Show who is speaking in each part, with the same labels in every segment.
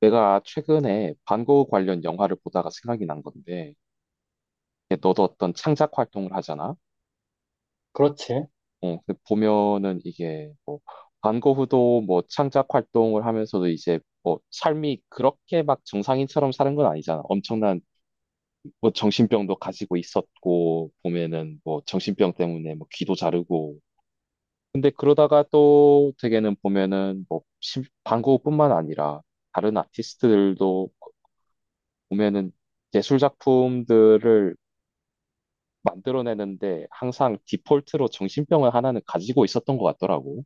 Speaker 1: 내가 최근에 반고 관련 영화를 보다가 생각이 난 건데, 이게 너도 어떤 창작 활동을 하잖아?
Speaker 2: 그렇지.
Speaker 1: 근데 보면은 이게 뭐, 반고 후도 뭐 창작 활동을 하면서도 이제 뭐 삶이 그렇게 막 정상인처럼 사는 건 아니잖아. 엄청난 뭐 정신병도 가지고 있었고, 보면은 뭐 정신병 때문에 뭐 귀도 자르고. 근데 그러다가 또 되게는 보면은 뭐 반고흐뿐만 아니라 다른 아티스트들도 보면은 예술 작품들을 만들어내는데 항상 디폴트로 정신병을 하나는 가지고 있었던 것 같더라고.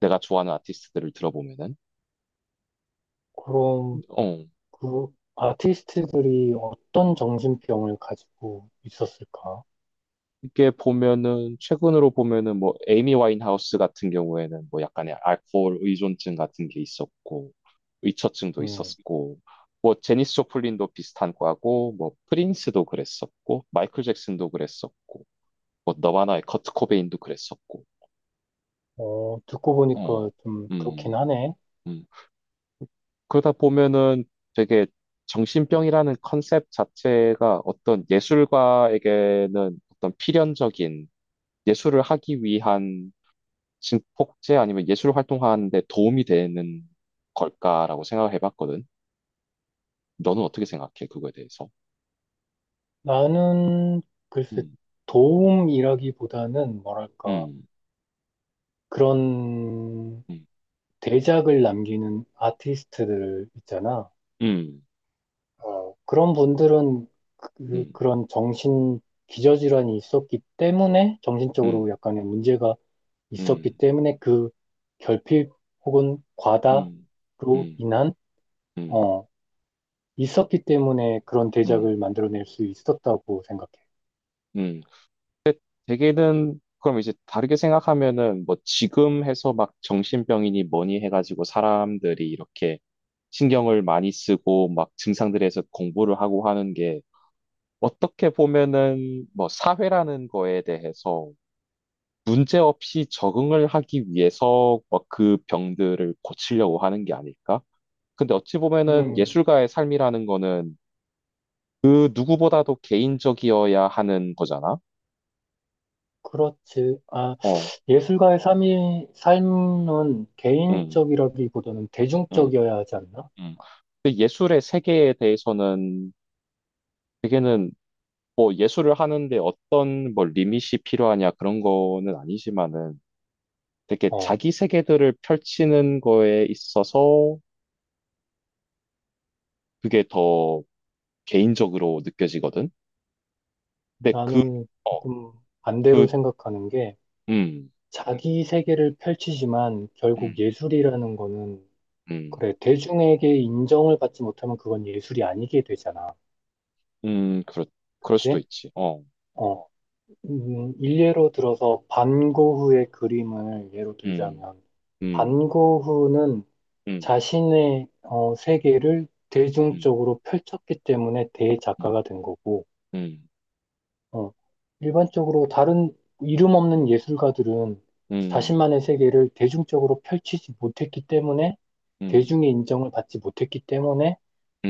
Speaker 1: 내가 좋아하는 아티스트들을 들어보면은.
Speaker 2: 그럼
Speaker 1: 어.
Speaker 2: 그 아티스트들이 어떤 정신병을 가지고 있었을까?
Speaker 1: 이게 보면은 최근으로 보면은 뭐 에이미 와인하우스 같은 경우에는 뭐 약간의 알코올 의존증 같은 게 있었고 의처증도
Speaker 2: 음,
Speaker 1: 있었고 뭐 제니스 조플린도 비슷한 과고 뭐 프린스도 그랬었고 마이클 잭슨도 그랬었고 뭐 너바나의 커트 코베인도 그랬었고
Speaker 2: 듣고
Speaker 1: 어.
Speaker 2: 보니까 좀 그렇긴
Speaker 1: 음,
Speaker 2: 하네.
Speaker 1: 음. 그러다 보면은 되게 정신병이라는 컨셉 자체가 어떤 예술가에게는 어떤 필연적인 예술을 하기 위한 진폭제 아니면 예술 활동하는 데 도움이 되는 걸까라고 생각을 해봤거든. 너는 어떻게 생각해? 그거에 대해서?
Speaker 2: 나는 글쎄
Speaker 1: 음,
Speaker 2: 도움이라기보다는 뭐랄까
Speaker 1: 음,
Speaker 2: 그런
Speaker 1: 음,
Speaker 2: 대작을 남기는 아티스트들 있잖아.
Speaker 1: 음,
Speaker 2: 그런 분들은
Speaker 1: 음,
Speaker 2: 그런 정신 기저질환이 있었기 때문에 정신적으로
Speaker 1: 음,
Speaker 2: 약간의 문제가 있었기
Speaker 1: 음,
Speaker 2: 때문에 그 결핍 혹은
Speaker 1: 음,
Speaker 2: 과다로
Speaker 1: 음,
Speaker 2: 인한,
Speaker 1: 음, 음,
Speaker 2: 어, 있었기 때문에 그런
Speaker 1: 음, 음,
Speaker 2: 대작을
Speaker 1: 음,
Speaker 2: 만들어낼 수 있었다고 생각해.
Speaker 1: 음. 대개는 그럼 이제 다르게 생각하면은 뭐 지금 해서 막 정신병이니 뭐니 해가지고 사람들이 이렇게 신경을 많이 쓰고 막 증상들에서 공부를 하고 하는 게 어떻게 보면은 뭐 사회라는 거에 대해서 문제 없이 적응을 하기 위해서 뭐 그 병들을 고치려고 하는 게 아닐까? 근데 어찌 보면은
Speaker 2: 음,
Speaker 1: 예술가의 삶이라는 거는 그 누구보다도 개인적이어야 하는 거잖아.
Speaker 2: 그렇지. 아,
Speaker 1: 어,
Speaker 2: 예술가의 삶은
Speaker 1: 음,
Speaker 2: 개인적이라기보다는
Speaker 1: 응.
Speaker 2: 대중적이어야 하지 않나?
Speaker 1: 음. 근데 예술의 세계에 대해서는 되게는 뭐 예술을 하는데 어떤 뭐 리밋이 필요하냐 그런 거는 아니지만은 되게
Speaker 2: 어,
Speaker 1: 자기 세계들을 펼치는 거에 있어서 그게 더 개인적으로 느껴지거든. 근데
Speaker 2: 나는
Speaker 1: 어,
Speaker 2: 조금 반대로
Speaker 1: 그,
Speaker 2: 생각하는 게
Speaker 1: 음,
Speaker 2: 자기 세계를 펼치지만 결국
Speaker 1: 음,
Speaker 2: 예술이라는 거는
Speaker 1: 음,
Speaker 2: 그래, 대중에게 인정을 받지 못하면 그건 예술이 아니게 되잖아.
Speaker 1: 음, 그렇, 그럴 수도
Speaker 2: 그치?
Speaker 1: 있지. 어,
Speaker 2: 어, 일례로 들어서 반고흐의 그림을 예로
Speaker 1: 음,
Speaker 2: 들자면,
Speaker 1: 음,
Speaker 2: 반고흐는
Speaker 1: 음,
Speaker 2: 자신의 세계를
Speaker 1: 음,
Speaker 2: 대중적으로 펼쳤기 때문에
Speaker 1: 음,
Speaker 2: 대작가가 된 거고,
Speaker 1: 음,
Speaker 2: 어, 일반적으로 다른 이름
Speaker 1: 음,
Speaker 2: 없는 예술가들은
Speaker 1: 음, 음,
Speaker 2: 자신만의 세계를 대중적으로 펼치지 못했기 때문에,
Speaker 1: 음,
Speaker 2: 대중의 인정을 받지 못했기 때문에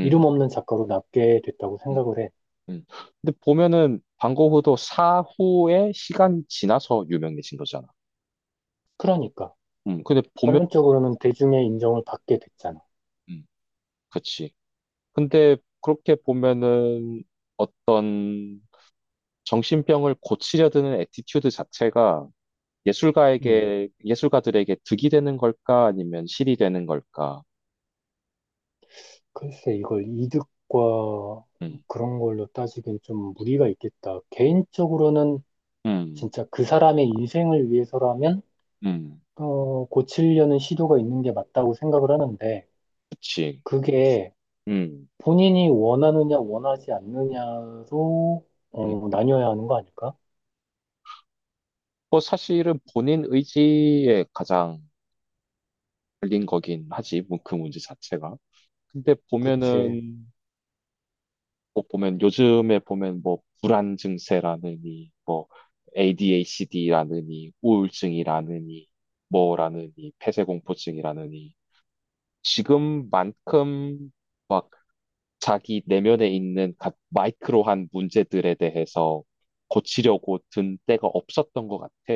Speaker 2: 이름 없는 작가로 남게 됐다고
Speaker 1: 음.
Speaker 2: 생각을 해.
Speaker 1: 음. 근데 보면은 방고흐도 사후에 시간이 지나서 유명해진 거잖아.
Speaker 2: 그러니까,
Speaker 1: 근데 보면,
Speaker 2: 결론적으로는 대중의 인정을 받게 됐잖아.
Speaker 1: 음, 그치. 근데 그렇게 보면은 어떤 정신병을 고치려 드는 애티튜드 자체가
Speaker 2: 음.
Speaker 1: 예술가에게, 예술가들에게 득이 되는 걸까? 아니면 실이 되는 걸까?
Speaker 2: 글쎄, 이걸 이득과
Speaker 1: 음,
Speaker 2: 그런 걸로 따지기엔 좀 무리가 있겠다. 개인적으로는
Speaker 1: 음,
Speaker 2: 진짜 그 사람의 인생을 위해서라면,
Speaker 1: 음,
Speaker 2: 고치려는 시도가 있는 게 맞다고 생각을 하는데,
Speaker 1: 그치.
Speaker 2: 그게
Speaker 1: 음.
Speaker 2: 본인이 원하느냐, 원하지 않느냐로,
Speaker 1: 음.
Speaker 2: 나뉘어야 하는 거 아닐까?
Speaker 1: 뭐 사실은 본인 의지에 가장 걸린 거긴 하지, 뭐 그 문제 자체가. 근데
Speaker 2: 그치.
Speaker 1: 보면은 꼭 보면 요즘에 보면 뭐 불안 증세라느니 뭐 ADHD라느니 우울증이라느니 뭐라느니 폐쇄공포증이라느니 지금만큼 막 자기 내면에 있는 마이크로한 문제들에 대해서 고치려고 든 때가 없었던 것 같아.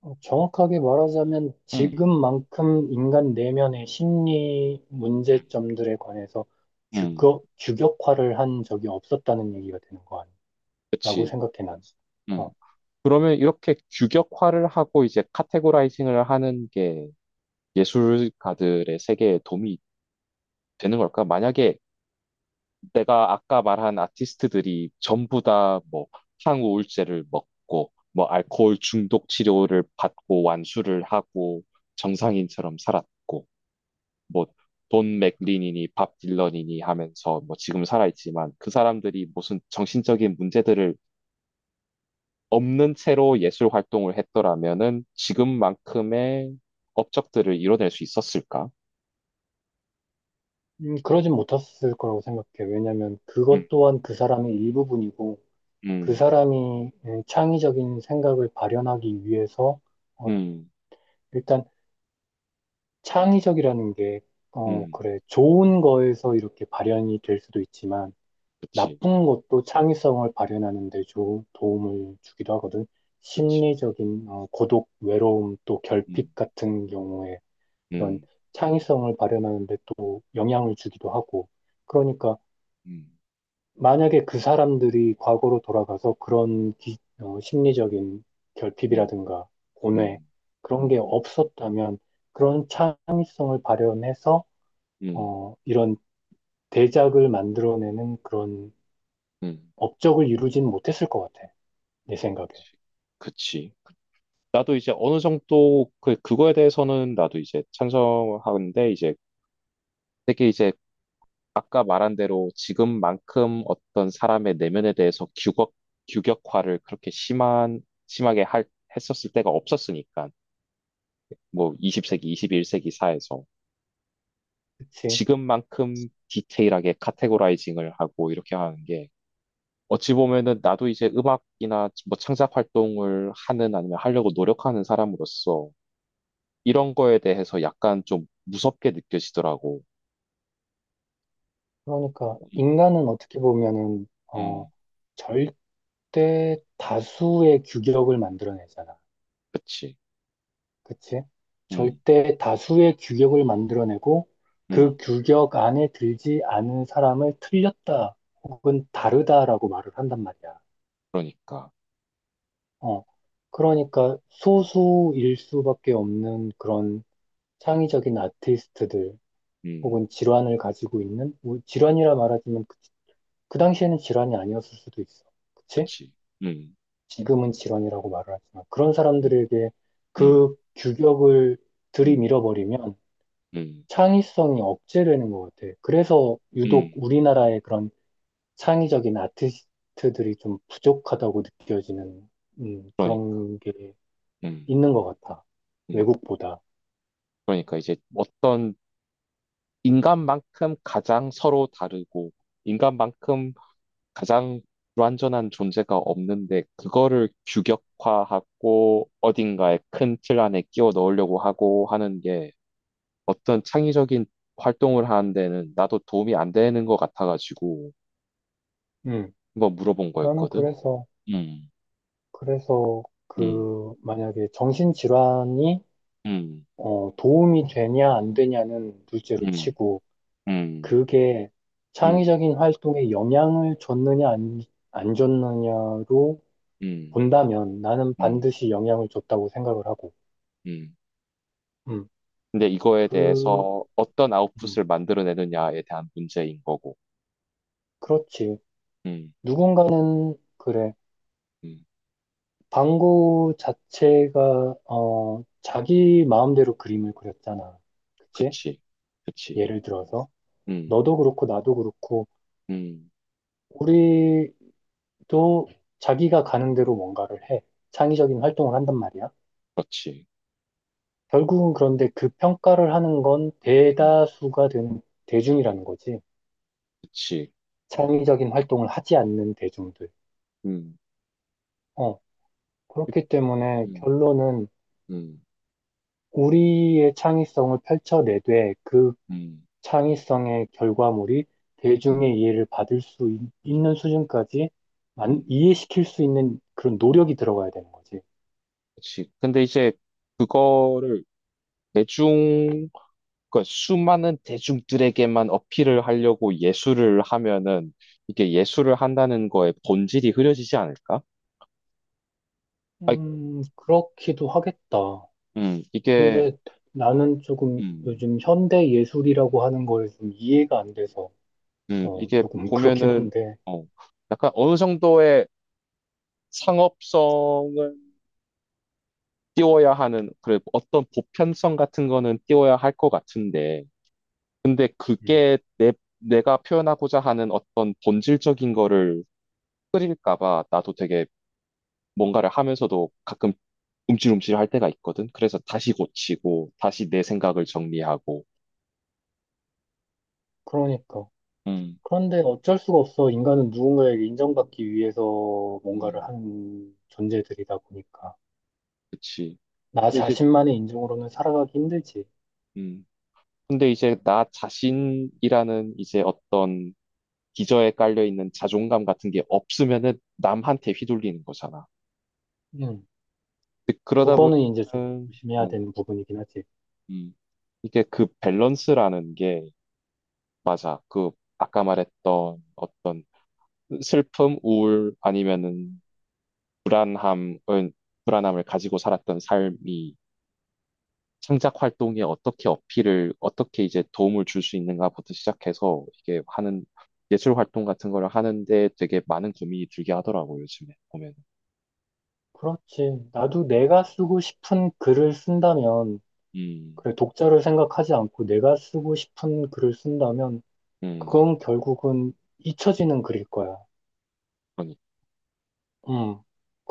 Speaker 2: 어, 정확하게 말하자면,
Speaker 1: 응,
Speaker 2: 지금만큼 인간 내면의 심리
Speaker 1: 응,
Speaker 2: 문제점들에 관해서
Speaker 1: 응,
Speaker 2: 규격화를 한 적이 없었다는 얘기가 되는 거 아니야? 라고
Speaker 1: 그치.
Speaker 2: 생각해, 난. 어,
Speaker 1: 응. 그러면 이렇게 규격화를 하고 이제 카테고라이징을 하는 게 예술가들의 세계에 도움이 되는 걸까? 만약에 내가 아까 말한 아티스트들이 전부 다 뭐 항우울제를 먹고 뭐 알코올 중독 치료를 받고 완수를 하고 정상인처럼 살았고 뭐 돈 맥린이니 밥 딜런이니 하면서 뭐 지금 살아있지만 그 사람들이 무슨 정신적인 문제들을 없는 채로 예술 활동을 했더라면은 지금만큼의 업적들을 이뤄낼 수 있었을까?
Speaker 2: 그러진 못했을 거라고 생각해. 왜냐면
Speaker 1: 음,
Speaker 2: 그것 또한 그 사람의 일부분이고, 그
Speaker 1: 음,
Speaker 2: 사람이 창의적인 생각을 발현하기 위해서, 어,
Speaker 1: 음,
Speaker 2: 일단 창의적이라는 게, 어,
Speaker 1: 음,
Speaker 2: 그래, 좋은 거에서 이렇게 발현이 될 수도 있지만,
Speaker 1: 그치,
Speaker 2: 나쁜 것도 창의성을 발현하는 데 도움을 주기도 하거든.
Speaker 1: 그치.
Speaker 2: 심리적인, 어, 고독, 외로움, 또
Speaker 1: 음.
Speaker 2: 결핍 같은 경우에 이런
Speaker 1: 음,
Speaker 2: 창의성을 발현하는데 또 영향을 주기도 하고. 그러니까
Speaker 1: 음,
Speaker 2: 만약에 그 사람들이 과거로 돌아가서 그런 어, 심리적인
Speaker 1: 음,
Speaker 2: 결핍이라든가 고뇌
Speaker 1: 음,
Speaker 2: 그런 게
Speaker 1: 음,
Speaker 2: 없었다면 그런
Speaker 1: 음,
Speaker 2: 창의성을 발현해서
Speaker 1: 음,
Speaker 2: 어, 이런 대작을 만들어내는 그런
Speaker 1: 음.
Speaker 2: 업적을 이루지는 못했을 것 같아. 내 생각에.
Speaker 1: 그치. 나도 이제 어느 정도 그, 그거에 대해서는 나도 이제 찬성하는데 이제 되게 이제 아까 말한 대로 지금만큼 어떤 사람의 내면에 대해서 규격화를 그렇게 심하게 할, 했었을 때가 없었으니까 뭐 20세기, 21세기 사회에서
Speaker 2: 그치?
Speaker 1: 지금만큼 디테일하게 카테고라이징을 하고 이렇게 하는 게 어찌 보면은 나도 이제 음악이나 뭐 창작 활동을 하는 아니면 하려고 노력하는 사람으로서 이런 거에 대해서 약간 좀 무섭게 느껴지더라고.
Speaker 2: 그러니까
Speaker 1: 음,
Speaker 2: 인간은 어떻게 보면은 어,
Speaker 1: 음,
Speaker 2: 절대 다수의 규격을 만들어내잖아.
Speaker 1: 그치.
Speaker 2: 그치?
Speaker 1: 음,
Speaker 2: 절대 다수의 규격을 만들어내고
Speaker 1: 음,
Speaker 2: 그 규격 안에 들지 않은 사람을 틀렸다 혹은 다르다라고 말을 한단 말이야.
Speaker 1: 그러니까.
Speaker 2: 어. 그러니까 소수일 수밖에 없는 그런 창의적인 아티스트들
Speaker 1: 음,
Speaker 2: 혹은 질환을 가지고 있는 질환이라 말하지만 그 당시에는 질환이 아니었을 수도 있어. 그치?
Speaker 1: 그치. 음,
Speaker 2: 지금은 질환이라고 말을 하지만 그런
Speaker 1: 음,
Speaker 2: 사람들에게
Speaker 1: 음,
Speaker 2: 그 규격을
Speaker 1: 음,
Speaker 2: 들이밀어버리면
Speaker 1: 음,
Speaker 2: 창의성이 억제되는 것 같아. 그래서 유독
Speaker 1: 음,
Speaker 2: 우리나라의 그런 창의적인 아티스트들이 좀 부족하다고 느껴지는
Speaker 1: 그러니까.
Speaker 2: 그런 게
Speaker 1: 음,
Speaker 2: 있는 것 같아.
Speaker 1: 음,
Speaker 2: 외국보다.
Speaker 1: 그러니까 이제 어떤 인간만큼 가장 서로 다르고, 인간만큼 가장 불완전한 존재가 없는데, 그거를 규격화하고 어딘가에 큰 틀 안에 끼워 넣으려고 하고 하는 게 어떤 창의적인 활동을 하는 데는 나도 도움이 안 되는 것 같아가지고,
Speaker 2: 음,
Speaker 1: 한번 물어본
Speaker 2: 나는
Speaker 1: 거였거든.
Speaker 2: 그래서,
Speaker 1: 음,
Speaker 2: 그래서
Speaker 1: 음,
Speaker 2: 그 만약에 정신질환이
Speaker 1: 음,
Speaker 2: 어, 도움이 되냐 안 되냐는 둘째로
Speaker 1: 음,
Speaker 2: 치고
Speaker 1: 음,
Speaker 2: 그게
Speaker 1: 음,
Speaker 2: 창의적인 활동에 영향을 줬느냐 안 줬느냐로
Speaker 1: 음,
Speaker 2: 본다면 나는
Speaker 1: 음,
Speaker 2: 반드시 영향을 줬다고 생각을 하고
Speaker 1: 음.
Speaker 2: 음,
Speaker 1: 근데 이거에
Speaker 2: 그,
Speaker 1: 대해서 어떤
Speaker 2: 음,
Speaker 1: 아웃풋을 만들어내느냐에 대한 문제인 거고.
Speaker 2: 그렇지.
Speaker 1: 음.
Speaker 2: 누군가는, 그래.
Speaker 1: 음,
Speaker 2: 방구 자체가, 어, 자기 마음대로 그림을 그렸잖아. 그치?
Speaker 1: 그치, 그치,
Speaker 2: 예를 들어서.
Speaker 1: 음,
Speaker 2: 너도 그렇고, 나도 그렇고,
Speaker 1: 음,
Speaker 2: 우리도 자기가 가는 대로 뭔가를 해. 창의적인 활동을 한단 말이야.
Speaker 1: 맞지,
Speaker 2: 결국은 그런데 그 평가를 하는 건
Speaker 1: 음,
Speaker 2: 대다수가 되는 대중이라는 거지.
Speaker 1: 그치,
Speaker 2: 창의적인 활동을 하지 않는 대중들.
Speaker 1: 음,
Speaker 2: 어,
Speaker 1: 그-
Speaker 2: 그렇기 때문에
Speaker 1: 음,
Speaker 2: 결론은
Speaker 1: 음,
Speaker 2: 우리의 창의성을 펼쳐내되 그
Speaker 1: 음,
Speaker 2: 창의성의 결과물이
Speaker 1: 음,
Speaker 2: 대중의 이해를 받을 수 있는 수준까지
Speaker 1: 음,
Speaker 2: 이해시킬 수 있는 그런 노력이 들어가야 되는 거지.
Speaker 1: 그치. 근데 이제 그거를 대중, 그 수많은 대중들에게만 어필을 하려고 예술을 하면은 이게 예술을 한다는 거에 본질이 흐려지지 않을까? 아,
Speaker 2: 그렇기도 하겠다.
Speaker 1: 이게,
Speaker 2: 근데 나는 조금
Speaker 1: 음,
Speaker 2: 요즘 현대 예술이라고 하는 걸 좀 이해가 안 돼서 어,
Speaker 1: 이게
Speaker 2: 조금 그렇긴
Speaker 1: 보면은,
Speaker 2: 한데.
Speaker 1: 어, 약간 어느 정도의 상업성을 띄워야 하는 그래 어떤 보편성 같은 거는 띄워야 할 것 같은데 근데
Speaker 2: 음,
Speaker 1: 그게 내 내가 표현하고자 하는 어떤 본질적인 거를 흐릴까 봐 나도 되게 뭔가를 하면서도 가끔 움찔움찔 할 때가 있거든. 그래서 다시 고치고 다시 내 생각을 정리하고
Speaker 2: 그러니까.
Speaker 1: 음,
Speaker 2: 그런데 어쩔 수가 없어. 인간은 누군가에게 인정받기 위해서 뭔가를
Speaker 1: 음,
Speaker 2: 하는 존재들이다 보니까.
Speaker 1: 그치.
Speaker 2: 나
Speaker 1: 근데 이제
Speaker 2: 자신만의 인종으로는 살아가기 힘들지.
Speaker 1: 음 근데 이제 나 자신이라는 이제 어떤 기저에 깔려 있는 자존감 같은 게 없으면은 남한테 휘둘리는 거잖아.
Speaker 2: 음,
Speaker 1: 근데 그러다
Speaker 2: 그거는 이제 좀
Speaker 1: 보니까는
Speaker 2: 조심해야
Speaker 1: 어,
Speaker 2: 되는 부분이긴 하지.
Speaker 1: 음, 이게 그 밸런스라는 게 그 아까 말했던 어떤 슬픔, 우울 아니면은 불안함을 불안함을 가지고 살았던 삶이 창작 활동에 어떻게 어필을 어떻게 이제 도움을 줄 수 있는가부터 시작해서 이게 하는 예술 활동 같은 걸 하는데 되게 많은 고민이 들게 하더라고요, 요즘에 보면.
Speaker 2: 그렇지. 나도 내가 쓰고 싶은 글을 쓴다면,
Speaker 1: 음,
Speaker 2: 그래, 독자를 생각하지 않고 내가 쓰고 싶은 글을 쓴다면,
Speaker 1: 음,
Speaker 2: 그건 결국은 잊혀지는 글일 거야.
Speaker 1: 그러니.
Speaker 2: 음,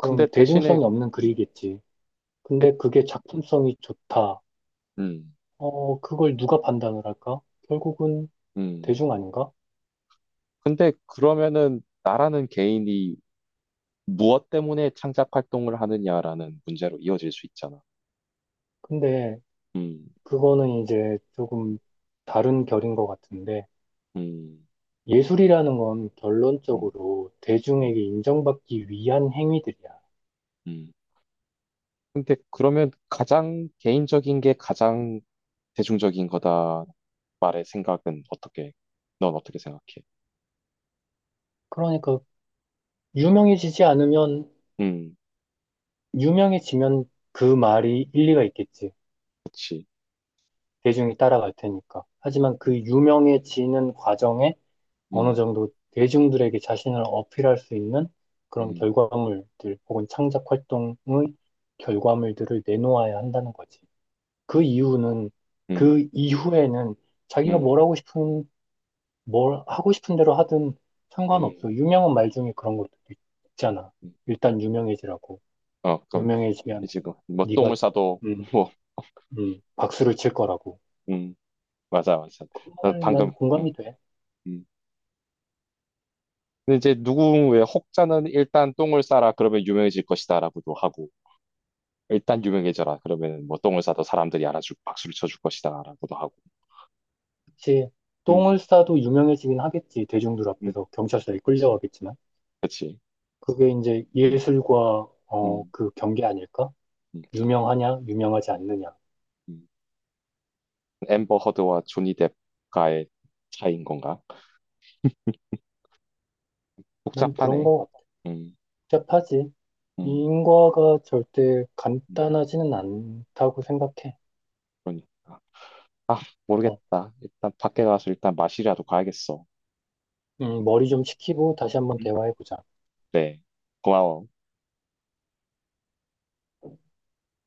Speaker 1: 근데 대신에
Speaker 2: 대중성이 없는
Speaker 1: 음,
Speaker 2: 글이겠지. 근데 그게 작품성이 좋다.
Speaker 1: 음,
Speaker 2: 어, 그걸 누가 판단을 할까? 결국은
Speaker 1: 음.
Speaker 2: 대중 아닌가?
Speaker 1: 근데 그러면은 나라는 개인이 무엇 때문에 창작 활동을 하느냐라는 문제로 이어질 수 있잖아.
Speaker 2: 근데
Speaker 1: 음,
Speaker 2: 그거는 이제 조금 다른 결인 것 같은데,
Speaker 1: 음,
Speaker 2: 예술이라는 건
Speaker 1: 음,
Speaker 2: 결론적으로
Speaker 1: 음,
Speaker 2: 대중에게 인정받기 위한 행위들이야.
Speaker 1: 음. 근데 그러면 가장 개인적인 게 가장 대중적인 거다 말의 생각은 어떻게, 넌 어떻게 생각해?
Speaker 2: 그러니까 유명해지지 않으면,
Speaker 1: 음,
Speaker 2: 유명해지면 그 말이 일리가 있겠지.
Speaker 1: 그치.
Speaker 2: 대중이 따라갈 테니까. 하지만
Speaker 1: 음,
Speaker 2: 그 유명해지는 과정에 어느
Speaker 1: 음,
Speaker 2: 정도 대중들에게 자신을 어필할 수 있는 그런
Speaker 1: 음,
Speaker 2: 결과물들 혹은 창작 활동의 결과물들을 내놓아야 한다는 거지. 그
Speaker 1: 음,
Speaker 2: 이유는,
Speaker 1: 음,
Speaker 2: 그 이후에는 자기가
Speaker 1: 음,
Speaker 2: 뭘 하고 싶은 대로 하든
Speaker 1: 음.
Speaker 2: 상관없어. 유명한 말 중에 그런 것도 있잖아.
Speaker 1: 음.
Speaker 2: 일단 유명해지라고.
Speaker 1: 어, 그럼
Speaker 2: 유명해지면
Speaker 1: 이제 뭐, 뭐
Speaker 2: 네가
Speaker 1: 똥을 싸도
Speaker 2: 음,
Speaker 1: 뭐,
Speaker 2: 박수를 칠 거라고.
Speaker 1: 음, 맞아, 맞아.
Speaker 2: 그
Speaker 1: 어,
Speaker 2: 말 난
Speaker 1: 방금,
Speaker 2: 공감이 돼.
Speaker 1: 음. 근데 이제 누군 왜 혹자는 일단 똥을 싸라 그러면 유명해질 것이다라고도 하고 일단 유명해져라 그러면 뭐 똥을 싸도 사람들이 알아주고 박수를 쳐줄 것이다라고도 하고
Speaker 2: 그치.
Speaker 1: 음,
Speaker 2: 똥을 싸도 유명해지긴 하겠지. 대중들
Speaker 1: 음,
Speaker 2: 앞에서 경찰서에
Speaker 1: 그치,
Speaker 2: 끌려가겠지만.
Speaker 1: 그치.
Speaker 2: 그게 이제
Speaker 1: 음,
Speaker 2: 예술과 어,
Speaker 1: 음,
Speaker 2: 그 경계 아닐까?
Speaker 1: 음,
Speaker 2: 유명하냐, 유명하지
Speaker 1: 음,
Speaker 2: 않느냐.
Speaker 1: 음. 앰버 허드와 조니 뎁과의 차이인 건가?
Speaker 2: 난 그런
Speaker 1: 복잡하네.
Speaker 2: 거
Speaker 1: 음,
Speaker 2: 복잡하지.
Speaker 1: 음,
Speaker 2: 인과가 절대
Speaker 1: 음,
Speaker 2: 간단하지는 않다고 생각해.
Speaker 1: 그러니까. 아,
Speaker 2: 어.
Speaker 1: 모르겠다. 일단 밖에 가서 일단 마시라도 가야겠어.
Speaker 2: 머리 좀 식히고 다시 한번
Speaker 1: 음.
Speaker 2: 대화해보자.
Speaker 1: 네, 고마워.